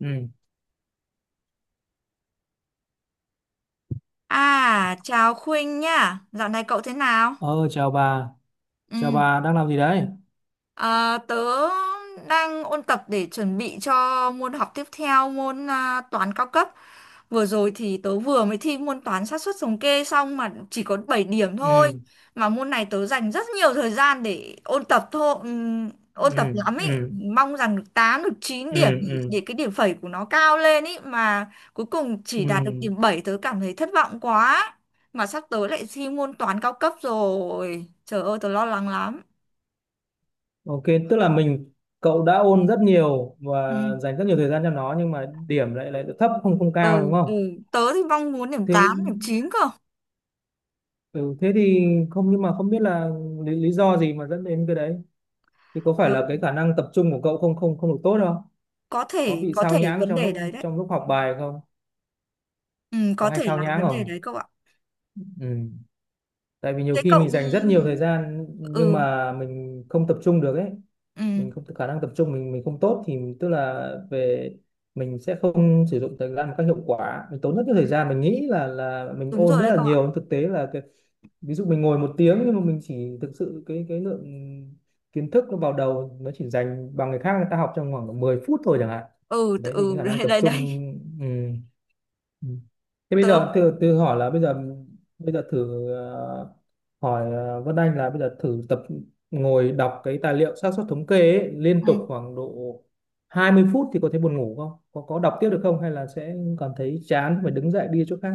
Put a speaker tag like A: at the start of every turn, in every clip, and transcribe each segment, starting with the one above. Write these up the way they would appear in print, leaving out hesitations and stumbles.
A: Ừ.
B: À, chào Khuynh nhá. Dạo này cậu thế nào?
A: Ờ, chào
B: Ừ.
A: bà đang làm gì đấy?
B: À, tớ đang ôn tập để chuẩn bị cho môn học tiếp theo môn toán cao cấp. Vừa rồi thì tớ vừa mới thi môn toán xác suất thống kê xong mà chỉ có 7 điểm thôi.
A: Ừ.
B: Mà môn này tớ dành rất nhiều thời gian để ôn tập thôi, ôn tập
A: Ừ.
B: lắm ý.
A: Ừ.
B: Mong rằng được 8 được chín
A: Ừ.
B: điểm để,
A: Ừ.
B: để cái điểm phẩy của nó cao lên ý. Mà cuối cùng chỉ đạt được
A: Ừ.
B: điểm 7 tớ cảm thấy thất vọng quá. Mà sắp tới lại thi môn toán cao cấp rồi. Trời ơi tớ lo lắng lắm.
A: OK, tức là cậu đã ôn rất nhiều
B: Ừ.
A: và dành rất nhiều thời gian cho nó nhưng mà điểm lại lại thấp, không không
B: Ừ.
A: cao đúng không?
B: Ừ. Tớ thì mong muốn điểm
A: Thế.
B: 8 điểm 9 cơ.
A: Ừ, thế thì không, nhưng mà không biết là lý do gì mà dẫn đến cái đấy thì có phải
B: Ờ,
A: là cái khả năng tập trung của cậu không không không được tốt không?
B: có
A: Có
B: thể
A: bị
B: có
A: sao
B: thể
A: nhãng
B: vấn
A: trong
B: đề đấy
A: lúc
B: đấy.
A: trong lúc học bài không?
B: Ừ,
A: Có
B: có
A: hay
B: thể
A: sao
B: là
A: nhãng
B: vấn đề
A: không?
B: đấy cậu ạ.
A: Ừ, tại vì nhiều
B: Thế
A: khi mình
B: cậu.
A: dành rất nhiều thời gian nhưng
B: Ừ.
A: mà mình không tập trung được ấy.
B: Ừ.
A: Mình không, khả năng tập trung mình không tốt thì tức là về mình sẽ không sử dụng thời gian một cách hiệu quả. Mình tốn rất nhiều thời gian, mình nghĩ là mình
B: Đúng
A: ôn
B: rồi
A: rất
B: đấy
A: là
B: cậu ạ.
A: nhiều nhưng thực tế là cái, ví dụ mình ngồi một tiếng nhưng mà mình chỉ thực sự cái lượng kiến thức nó vào đầu nó chỉ dành bằng người khác, người ta học trong khoảng 10 phút thôi chẳng hạn.
B: Ừ
A: Đấy thì cái
B: ừ
A: khả năng
B: đấy
A: tập
B: đấy
A: trung.
B: đấy.
A: Ừ. Ừ. Thế bây
B: Tớ.
A: giờ từ từ hỏi là bây giờ, thử hỏi Vân Anh là bây giờ thử tập ngồi đọc cái tài liệu xác suất thống kê ấy, liên
B: Ừ.
A: tục khoảng độ 20 phút thì có thấy buồn ngủ không? Có đọc tiếp được không hay là sẽ cảm thấy chán phải đứng dậy đi chỗ khác?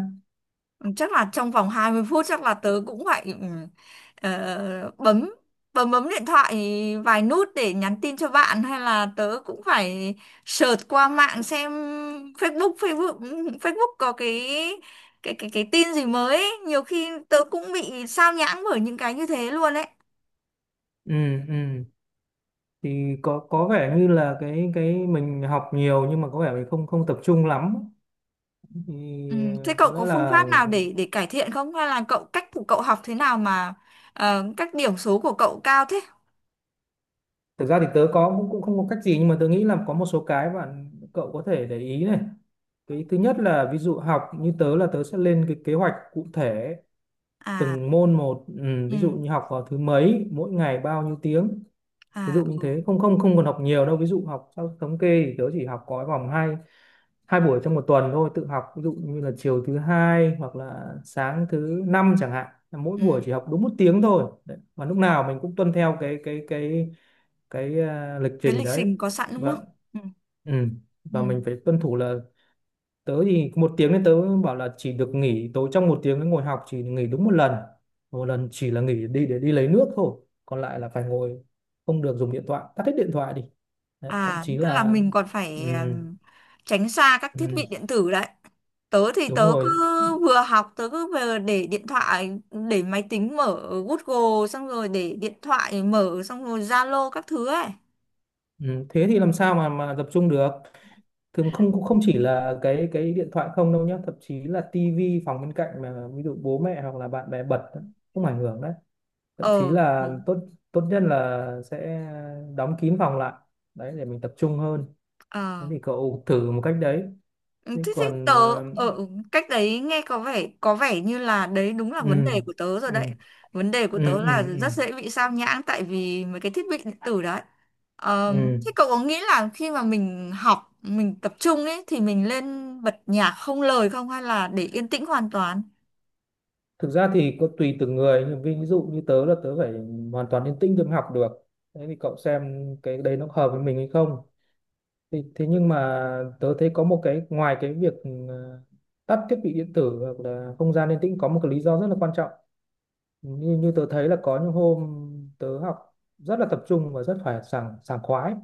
B: Chắc là trong vòng 20 phút chắc là tớ cũng phải bấm bấm bấm điện thoại vài nút để nhắn tin cho bạn hay là tớ cũng phải search qua mạng xem Facebook Facebook Facebook có cái tin gì mới ấy. Nhiều khi tớ cũng bị sao nhãng bởi những cái như thế luôn ấy.
A: Ừ. Ừ, thì có vẻ như là cái mình học nhiều nhưng mà có vẻ mình không không tập trung lắm,
B: Ừ.
A: thì
B: Thế cậu
A: có
B: có
A: lẽ
B: phương
A: là
B: pháp nào để cải thiện không? Hay là cách của cậu học thế nào mà các điểm số của cậu cao thế?
A: thực ra thì tớ có cũng cũng không có cách gì nhưng mà tớ nghĩ là có một số cái bạn cậu có thể để ý này. Cái thứ nhất là ví dụ học như tớ là tớ sẽ lên cái kế hoạch cụ thể
B: À.
A: từng môn một. Ừ, ví dụ
B: Ừ.
A: như học vào thứ mấy, mỗi ngày bao nhiêu tiếng, ví
B: À.
A: dụ như
B: Ừ.
A: thế, không không không còn học nhiều đâu. Ví dụ học theo thống kê thì tớ chỉ học có vòng hai, hai buổi trong một tuần thôi tự học, ví dụ như là chiều thứ hai hoặc là sáng thứ năm chẳng hạn, là mỗi
B: Ừ.
A: buổi chỉ học đúng một tiếng thôi. Đấy. Và lúc nào mình cũng tuân theo cái lịch
B: Cái
A: trình
B: lịch
A: đấy.
B: trình có sẵn đúng
A: Vâng.
B: không? Ừ.
A: Ừ,
B: Ừ.
A: và mình phải tuân thủ là tớ thì một tiếng nên tớ bảo là chỉ được nghỉ tối trong một tiếng, cái ngồi học chỉ nghỉ đúng một lần, một lần chỉ là nghỉ đi để đi lấy nước thôi, còn lại là phải ngồi, không được dùng điện thoại, tắt hết điện thoại đi. Đấy, thậm
B: À,
A: chí
B: tức là
A: là.
B: mình còn
A: Ừ.
B: phải tránh xa các
A: Ừ,
B: thiết bị điện tử đấy. Tớ thì
A: đúng
B: tớ cứ
A: rồi.
B: vừa học, tớ cứ vừa để điện thoại, để máy tính mở Google, xong rồi để điện thoại mở, xong rồi Zalo các thứ ấy.
A: Ừ, thế thì làm sao mà tập trung được. Thường không, cũng không chỉ là cái điện thoại không đâu nhá, thậm chí là tivi phòng bên cạnh mà ví dụ bố mẹ hoặc là bạn bè bật đó, cũng ảnh hưởng đấy. Thậm chí
B: Ờ.
A: là
B: Ừ.
A: tốt tốt nhất là sẽ đóng kín phòng lại, đấy để mình tập trung hơn. Thế
B: Ờ.
A: thì cậu thử một cách đấy,
B: Ừ,
A: chứ
B: thế thì
A: còn
B: tớ ở cách đấy nghe có vẻ như là đấy đúng là vấn
A: ừ.
B: đề của tớ rồi
A: Ừ.
B: đấy. Vấn đề của
A: Ừ.
B: tớ là
A: Ừ.
B: rất
A: Ừ.
B: dễ bị sao nhãng tại vì mấy cái thiết bị điện tử đấy.
A: Ừ.
B: Thế cậu có nghĩ là khi mà mình học, mình tập trung ấy thì mình lên bật nhạc không lời không hay là để yên tĩnh hoàn toàn?
A: Thực ra thì có tùy từng người nhưng ví dụ như tớ là tớ phải hoàn toàn yên tĩnh tớ mới học được. Thế thì cậu xem cái đấy nó hợp với mình hay không, thì thế thế nhưng mà tớ thấy có một cái ngoài cái việc ờ, tắt thiết bị điện tử hoặc là không gian yên tĩnh, có một cái lý do rất là quan trọng, như như tớ thấy là có những hôm tớ học rất là tập trung và rất phải sảng sảng khoái.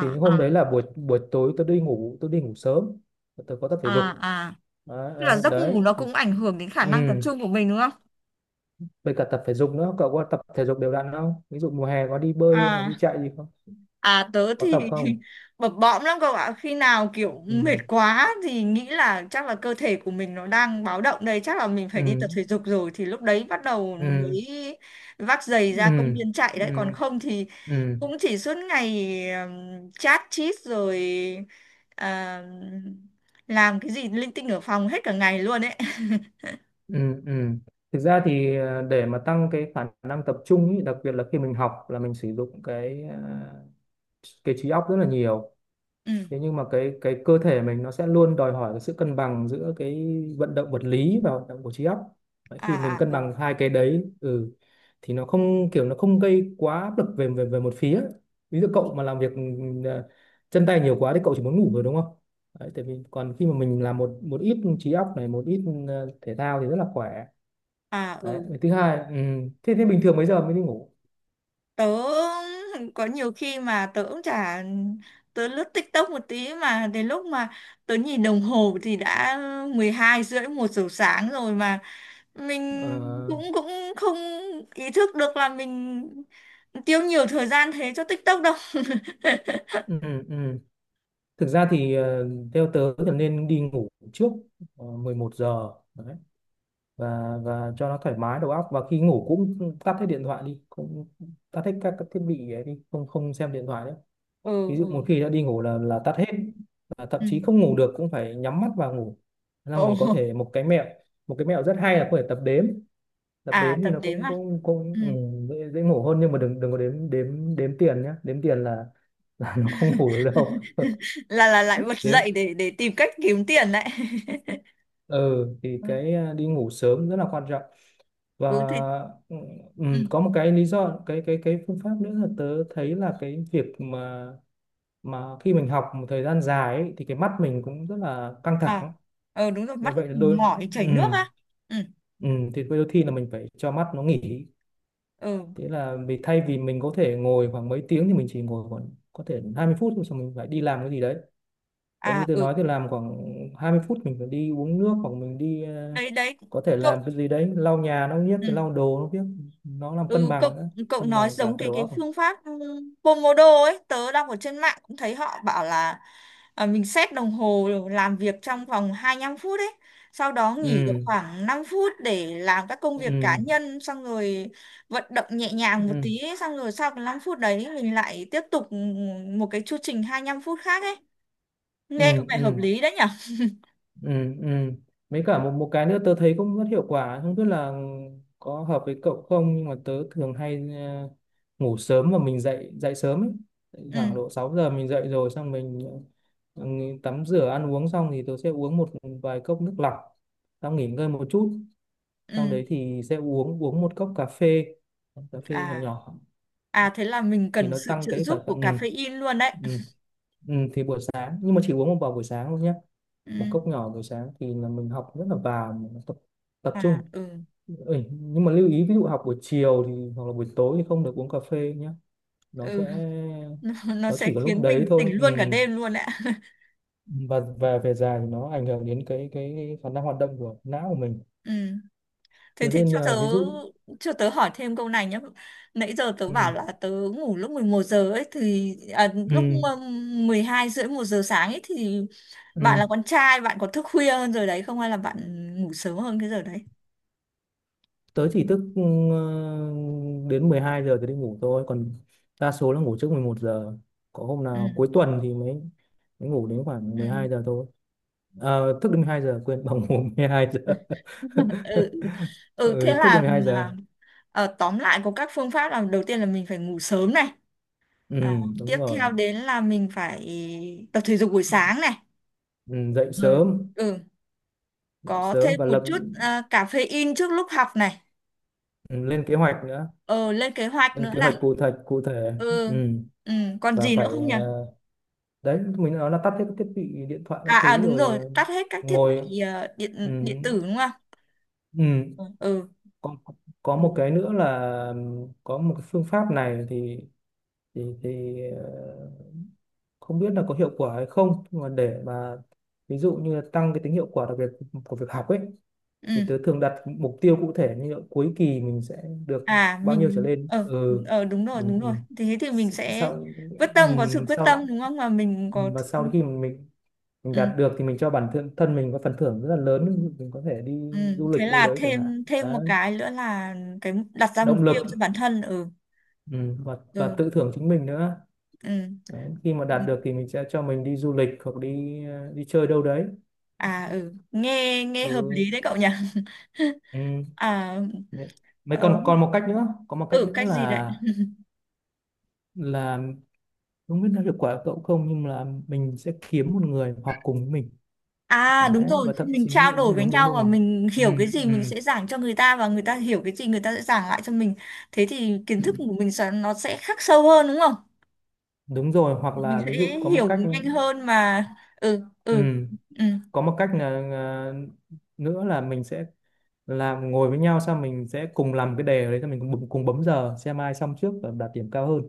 A: Thì những
B: à
A: hôm đấy là buổi buổi tối, tôi đi ngủ sớm và tôi có tập thể dục.
B: à à,
A: Đấy.
B: tức là
A: à,
B: giấc
A: đấy
B: ngủ nó
A: thì.
B: cũng ảnh hưởng đến khả
A: Ừ,
B: năng tập trung của mình đúng không?
A: với cả tập thể dục nữa, cậu có tập thể dục đều đặn không? Ví dụ mùa hè có đi bơi hay là đi
B: À
A: chạy gì không?
B: À tớ
A: Có tập
B: thì
A: không?
B: bập bõm lắm cậu ạ. Khi nào kiểu
A: Ừ.
B: mệt quá thì nghĩ là chắc là cơ thể của mình nó đang báo động đây. Chắc là mình phải đi tập
A: Ừ.
B: thể dục rồi. Thì lúc đấy bắt đầu
A: Ừ.
B: mới vác giày ra công
A: Ừ.
B: viên chạy đấy. Còn
A: Ừ.
B: không thì
A: Ừ.
B: cũng chỉ suốt ngày chat chít rồi à, làm cái gì linh tinh ở phòng hết cả ngày luôn ấy.
A: Ừ. Ừ. Thực ra thì để mà tăng cái khả năng tập trung ý, đặc biệt là khi mình học là mình sử dụng cái trí óc rất là nhiều.
B: Ừ.
A: Thế nhưng mà cái cơ thể mình nó sẽ luôn đòi hỏi cái sự cân bằng giữa cái vận động vật lý và vận động của trí óc. Đấy, khi
B: À
A: mình
B: à
A: cân
B: ừ.
A: bằng hai cái đấy, ừ, thì nó không, kiểu nó không gây quá áp lực về về về một phía. Ví dụ cậu mà làm việc ờ, chân tay nhiều quá thì cậu chỉ muốn ngủ rồi đúng không. Đấy, tại vì còn khi mà mình làm một một ít trí óc này một ít thể thao thì rất là khỏe.
B: À
A: Đấy
B: ừ
A: thứ hai, ừ, thế thế bình thường mấy giờ mới đi ngủ?
B: tớ có nhiều khi mà tớ cũng chả, tớ lướt TikTok một tí mà đến lúc mà tớ nhìn đồng hồ thì đã 12 rưỡi 1 giờ sáng rồi mà mình
A: Ờ.
B: cũng cũng không ý thức được là mình tiêu nhiều thời gian thế cho TikTok đâu.
A: Ừ. Ừ. Ừ. Thực ra thì theo tớ thì nên đi ngủ trước 11 giờ. Đấy. Và cho nó thoải mái đầu óc, và khi ngủ cũng tắt hết điện thoại đi, cũng tắt hết các thiết bị ấy đi, không không xem điện thoại nữa.
B: Ừ.
A: Ví dụ
B: Ừ.
A: một khi đã đi ngủ là tắt hết. Và thậm
B: Ừ.
A: chí không ngủ được cũng phải nhắm mắt vào ngủ.
B: Ồ.
A: Xong rồi có thể một cái mẹo rất hay là có thể tập
B: À,
A: đếm thì
B: tập
A: nó
B: đếm
A: cũng
B: à?
A: cũng
B: Ừ.
A: cũng ừ, dễ ngủ hơn, nhưng mà đừng đừng có đếm đếm đếm tiền nhá, đếm tiền là nó không ngủ được đâu.
B: Là lại bật
A: Đếm.
B: dậy để tìm cách kiếm tiền đấy.
A: Ừ, thì
B: Ừ.
A: cái đi ngủ sớm rất là quan trọng và.
B: Ừ thì.
A: Ừ. Ừ,
B: Ừ.
A: có một cái lý do, cái phương pháp nữa là tớ thấy là cái việc mà khi mình học một thời gian dài ấy, thì cái mắt mình cũng rất là căng
B: À,
A: thẳng.
B: đúng rồi,
A: Là
B: mắt
A: vậy, là
B: mình
A: đôi.
B: mỏi
A: Ừ.
B: chảy nước á. Ừ.
A: Ừ, thì đôi khi là mình phải cho mắt nó nghỉ.
B: Ừ.
A: Thế là vì thay vì mình có thể ngồi khoảng mấy tiếng thì mình chỉ ngồi khoảng có thể 20 phút thôi, xong mình phải đi làm cái gì đấy. Đấy, như
B: À.
A: tôi
B: Ừ.
A: nói
B: Ừ.
A: thì làm khoảng 20 phút mình phải đi uống nước hoặc mình đi
B: Đấy đấy
A: có thể làm
B: cậu.
A: cái gì đấy, lau nhà nó biết,
B: Ừ.
A: lau đồ nó biết, nó làm cân
B: Ừ, cậu
A: bằng nữa,
B: cậu
A: cân
B: nói
A: bằng cả
B: giống
A: cái
B: cái
A: đầu
B: cái
A: óc.
B: phương pháp Pomodoro ấy. Tớ đọc ở trên mạng cũng thấy họ bảo là mình set đồng hồ làm việc trong vòng 25 phút ấy, sau đó nghỉ được
A: Ừ.
B: khoảng 5 phút để làm các công việc cá
A: Ừ.
B: nhân xong rồi vận động nhẹ
A: Ừ.
B: nhàng một
A: Ừ.
B: tí ấy. Xong rồi sau cái 5 phút đấy mình lại tiếp tục một cái chu trình 25 phút khác ấy.
A: Ừ.
B: Nghe có vẻ hợp
A: Ừ.
B: lý đấy nhở.
A: Ừ. Ừ. Mấy cả một một cái nữa tớ thấy cũng rất hiệu quả, không biết là có hợp với cậu không, nhưng mà tớ thường hay ngủ sớm và mình dậy dậy sớm ấy. Dậy
B: Ừ.
A: khoảng độ 6 giờ mình dậy rồi, xong mình ừ, tắm rửa ăn uống xong thì tớ sẽ uống một vài cốc nước lọc, xong nghỉ ngơi một chút,
B: Ừ.
A: xong đấy thì sẽ uống uống một cốc cà phê, cà phê nhỏ
B: À.
A: nhỏ.
B: À, thế là mình
A: Thì
B: cần
A: nó
B: sự
A: tăng
B: trợ
A: cái
B: giúp
A: thở. Ừ.
B: của caffeine luôn đấy.
A: Ừ. Ừ, thì buổi sáng nhưng mà chỉ uống một vào buổi sáng thôi nhé, một
B: Ừ.
A: cốc nhỏ buổi sáng thì là mình học rất là vào, mình tập tập
B: À.
A: trung.
B: Ừ.
A: Ừ, nhưng mà lưu ý ví dụ học buổi chiều thì hoặc là buổi tối thì không được uống cà phê nhé, nó sẽ,
B: Ừ. Nó
A: nó chỉ
B: sẽ
A: có lúc
B: khiến
A: đấy
B: mình tỉnh
A: thôi. Ừ.
B: luôn cả đêm luôn đấy ạ.
A: và về dài thì nó ảnh hưởng đến cái khả năng hoạt động của não của mình,
B: Ừ, thế
A: thế
B: thì
A: nên
B: cho tớ
A: ví dụ.
B: cho tớ hỏi thêm câu này nhé. Nãy giờ tớ
A: Ừ.
B: bảo là tớ ngủ lúc 11 giờ ấy thì lúc
A: Ừ.
B: mà 12 rưỡi 1 giờ sáng ấy thì bạn
A: Ừ.
B: là con trai bạn có thức khuya hơn rồi đấy không hay là bạn ngủ sớm hơn cái giờ đấy?
A: Tớ chỉ thức ừ, đến 12 giờ thì đi ngủ thôi, còn đa số là ngủ trước 11 giờ, có hôm nào cuối
B: Ừ.
A: tuần thì mới mới ngủ đến khoảng mười
B: Ừ.
A: hai giờ thôi. Ờ, thức đến 12 giờ, quên, bằng ngủ 12 giờ.
B: Ừ. Ừ thế
A: Ừ, thức đến
B: là
A: mười hai
B: là,
A: giờ
B: tóm lại có các phương pháp là đầu tiên là mình phải ngủ sớm này.
A: Ừ,
B: à, Tiếp
A: đúng rồi.
B: theo đến là mình phải tập thể dục buổi sáng này.
A: Ừ, dậy
B: Ừ.
A: sớm,
B: Ừ,
A: dậy
B: có
A: sớm
B: thêm
A: và
B: một
A: lập.
B: chút caffeine trước lúc học này.
A: Ừ, lên kế hoạch nữa,
B: Ờ Lên kế hoạch
A: lên
B: nữa
A: kế
B: này.
A: hoạch cụ thể, cụ thể.
B: Ừ.
A: Ừ,
B: Ừ. Còn
A: và
B: gì nữa
A: phải
B: không nhỉ?
A: đấy mình nói là tắt hết các thiết bị điện thoại các thứ
B: Đúng
A: rồi
B: rồi, tắt hết các thiết
A: ngồi.
B: bị
A: Ừ.
B: điện điện tử đúng không?
A: Ừ.
B: Ừ. Ừ.
A: Có, có một
B: Ừ.
A: cái nữa là, ừ, có một cái phương pháp này thì, thì thì ờ, không biết là có hiệu quả hay không nhưng mà để mà ví dụ như là tăng cái tính hiệu quả đặc biệt của việc học ấy, thì
B: Ừ.
A: tớ thường đặt mục tiêu cụ thể như là cuối kỳ mình sẽ được
B: À
A: bao nhiêu trở
B: mình
A: lên.
B: ờ.
A: Ừ.
B: Đúng rồi
A: Ừ.
B: đúng
A: Ừ.
B: rồi, thế thì mình
A: S-
B: sẽ
A: sau
B: quyết tâm,
A: ừ,
B: có sự quyết
A: sau
B: tâm đúng không mà mình
A: ừ,
B: có.
A: và sau khi mình
B: Ừ.
A: đạt được thì mình cho bản thân thân mình có phần thưởng rất là lớn, mình có thể đi
B: Ừ.
A: du
B: Thế
A: lịch đâu
B: là
A: đấy chẳng hạn.
B: thêm thêm một
A: Đấy,
B: cái nữa là cái đặt ra mục
A: động lực.
B: tiêu cho bản thân. Ừ.
A: Ừ, và tự
B: Ừ.
A: thưởng chính mình nữa.
B: Ừ.
A: Đấy, khi mà đạt được thì mình sẽ cho mình đi du lịch hoặc đi đi chơi đâu đấy.
B: À ừ nghe nghe hợp
A: Ừ.
B: lý đấy cậu nhỉ.
A: Ừ.
B: À.
A: Đấy. Mấy
B: Ờ.
A: còn còn một cách nữa, có một cách
B: Ừ
A: nữa
B: cách gì đấy.
A: là không biết nó hiệu quả của cậu không nhưng là mình sẽ kiếm một người học cùng với mình.
B: À đúng
A: Đấy,
B: rồi,
A: và thậm
B: mình
A: chí
B: trao đổi với
A: đúng, đúng,
B: nhau và
A: đúng.
B: mình
A: Ừ.
B: hiểu cái gì
A: Ừ.
B: mình sẽ giảng cho người ta và người ta hiểu cái gì người ta sẽ giảng lại cho mình. Thế thì kiến
A: Ừ.
B: thức của mình nó sẽ khắc sâu hơn đúng không?
A: Đúng rồi, hoặc
B: Mình
A: là ví dụ
B: sẽ
A: có một
B: hiểu
A: cách,
B: nhanh hơn mà. Ừ
A: ừ,
B: ừ ừ.
A: có một cách là nữa là mình sẽ làm ngồi với nhau, xong mình sẽ cùng làm cái đề đấy, xong mình cùng cùng bấm giờ xem ai xong trước và đạt điểm cao hơn.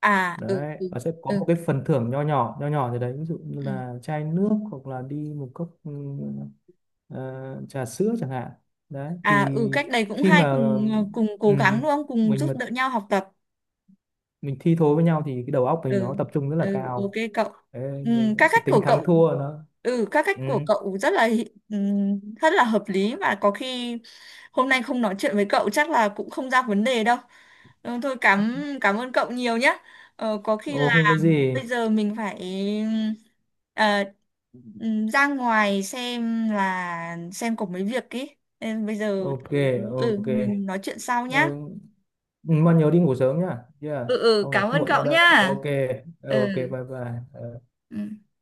B: À ừ
A: Đấy
B: ừ
A: và sẽ có
B: ừ.
A: một cái phần thưởng nho nhỏ, nho nhỏ gì đấy, ví dụ như
B: Ừ.
A: là chai nước hoặc là đi một cốc ừ, ờ, trà sữa chẳng hạn. Đấy
B: À
A: thì
B: ừ cách đấy cũng
A: khi
B: hay,
A: mà,
B: cùng cùng
A: ừ,
B: cố gắng đúng không? Cùng
A: mình
B: giúp
A: mà
B: đỡ nhau học tập.
A: mình thi thố với nhau thì cái đầu óc mình
B: Ừ.
A: nó tập trung rất là
B: Ừ. Ok
A: cao.
B: cậu.
A: Đấy,
B: Ừ,
A: nên
B: các
A: cái
B: cách của
A: tính thắng
B: cậu.
A: thua nó.
B: Ừ các cách
A: Ừ.
B: của cậu rất là rất là hợp lý và có khi hôm nay không nói chuyện với cậu chắc là cũng không ra vấn đề đâu. Ừ, thôi cảm cảm ơn cậu nhiều nhé. Có khi
A: Ồ, không có
B: là
A: gì.
B: bây giờ mình phải ờ, ừ, ra ngoài xem có mấy việc ý. Nên bây giờ
A: OK.
B: tớ- Ừ
A: OK.
B: mình nói chuyện sau
A: ờ,
B: nhá.
A: mà nhớ đi ngủ sớm nhá, yeah.
B: Ừ. Ừ
A: Không được
B: cảm ơn
A: muộn đâu
B: cậu
A: đấy.
B: nhá.
A: OK. OK. Bye
B: Ừ.
A: bye. Ờ.
B: Ừ.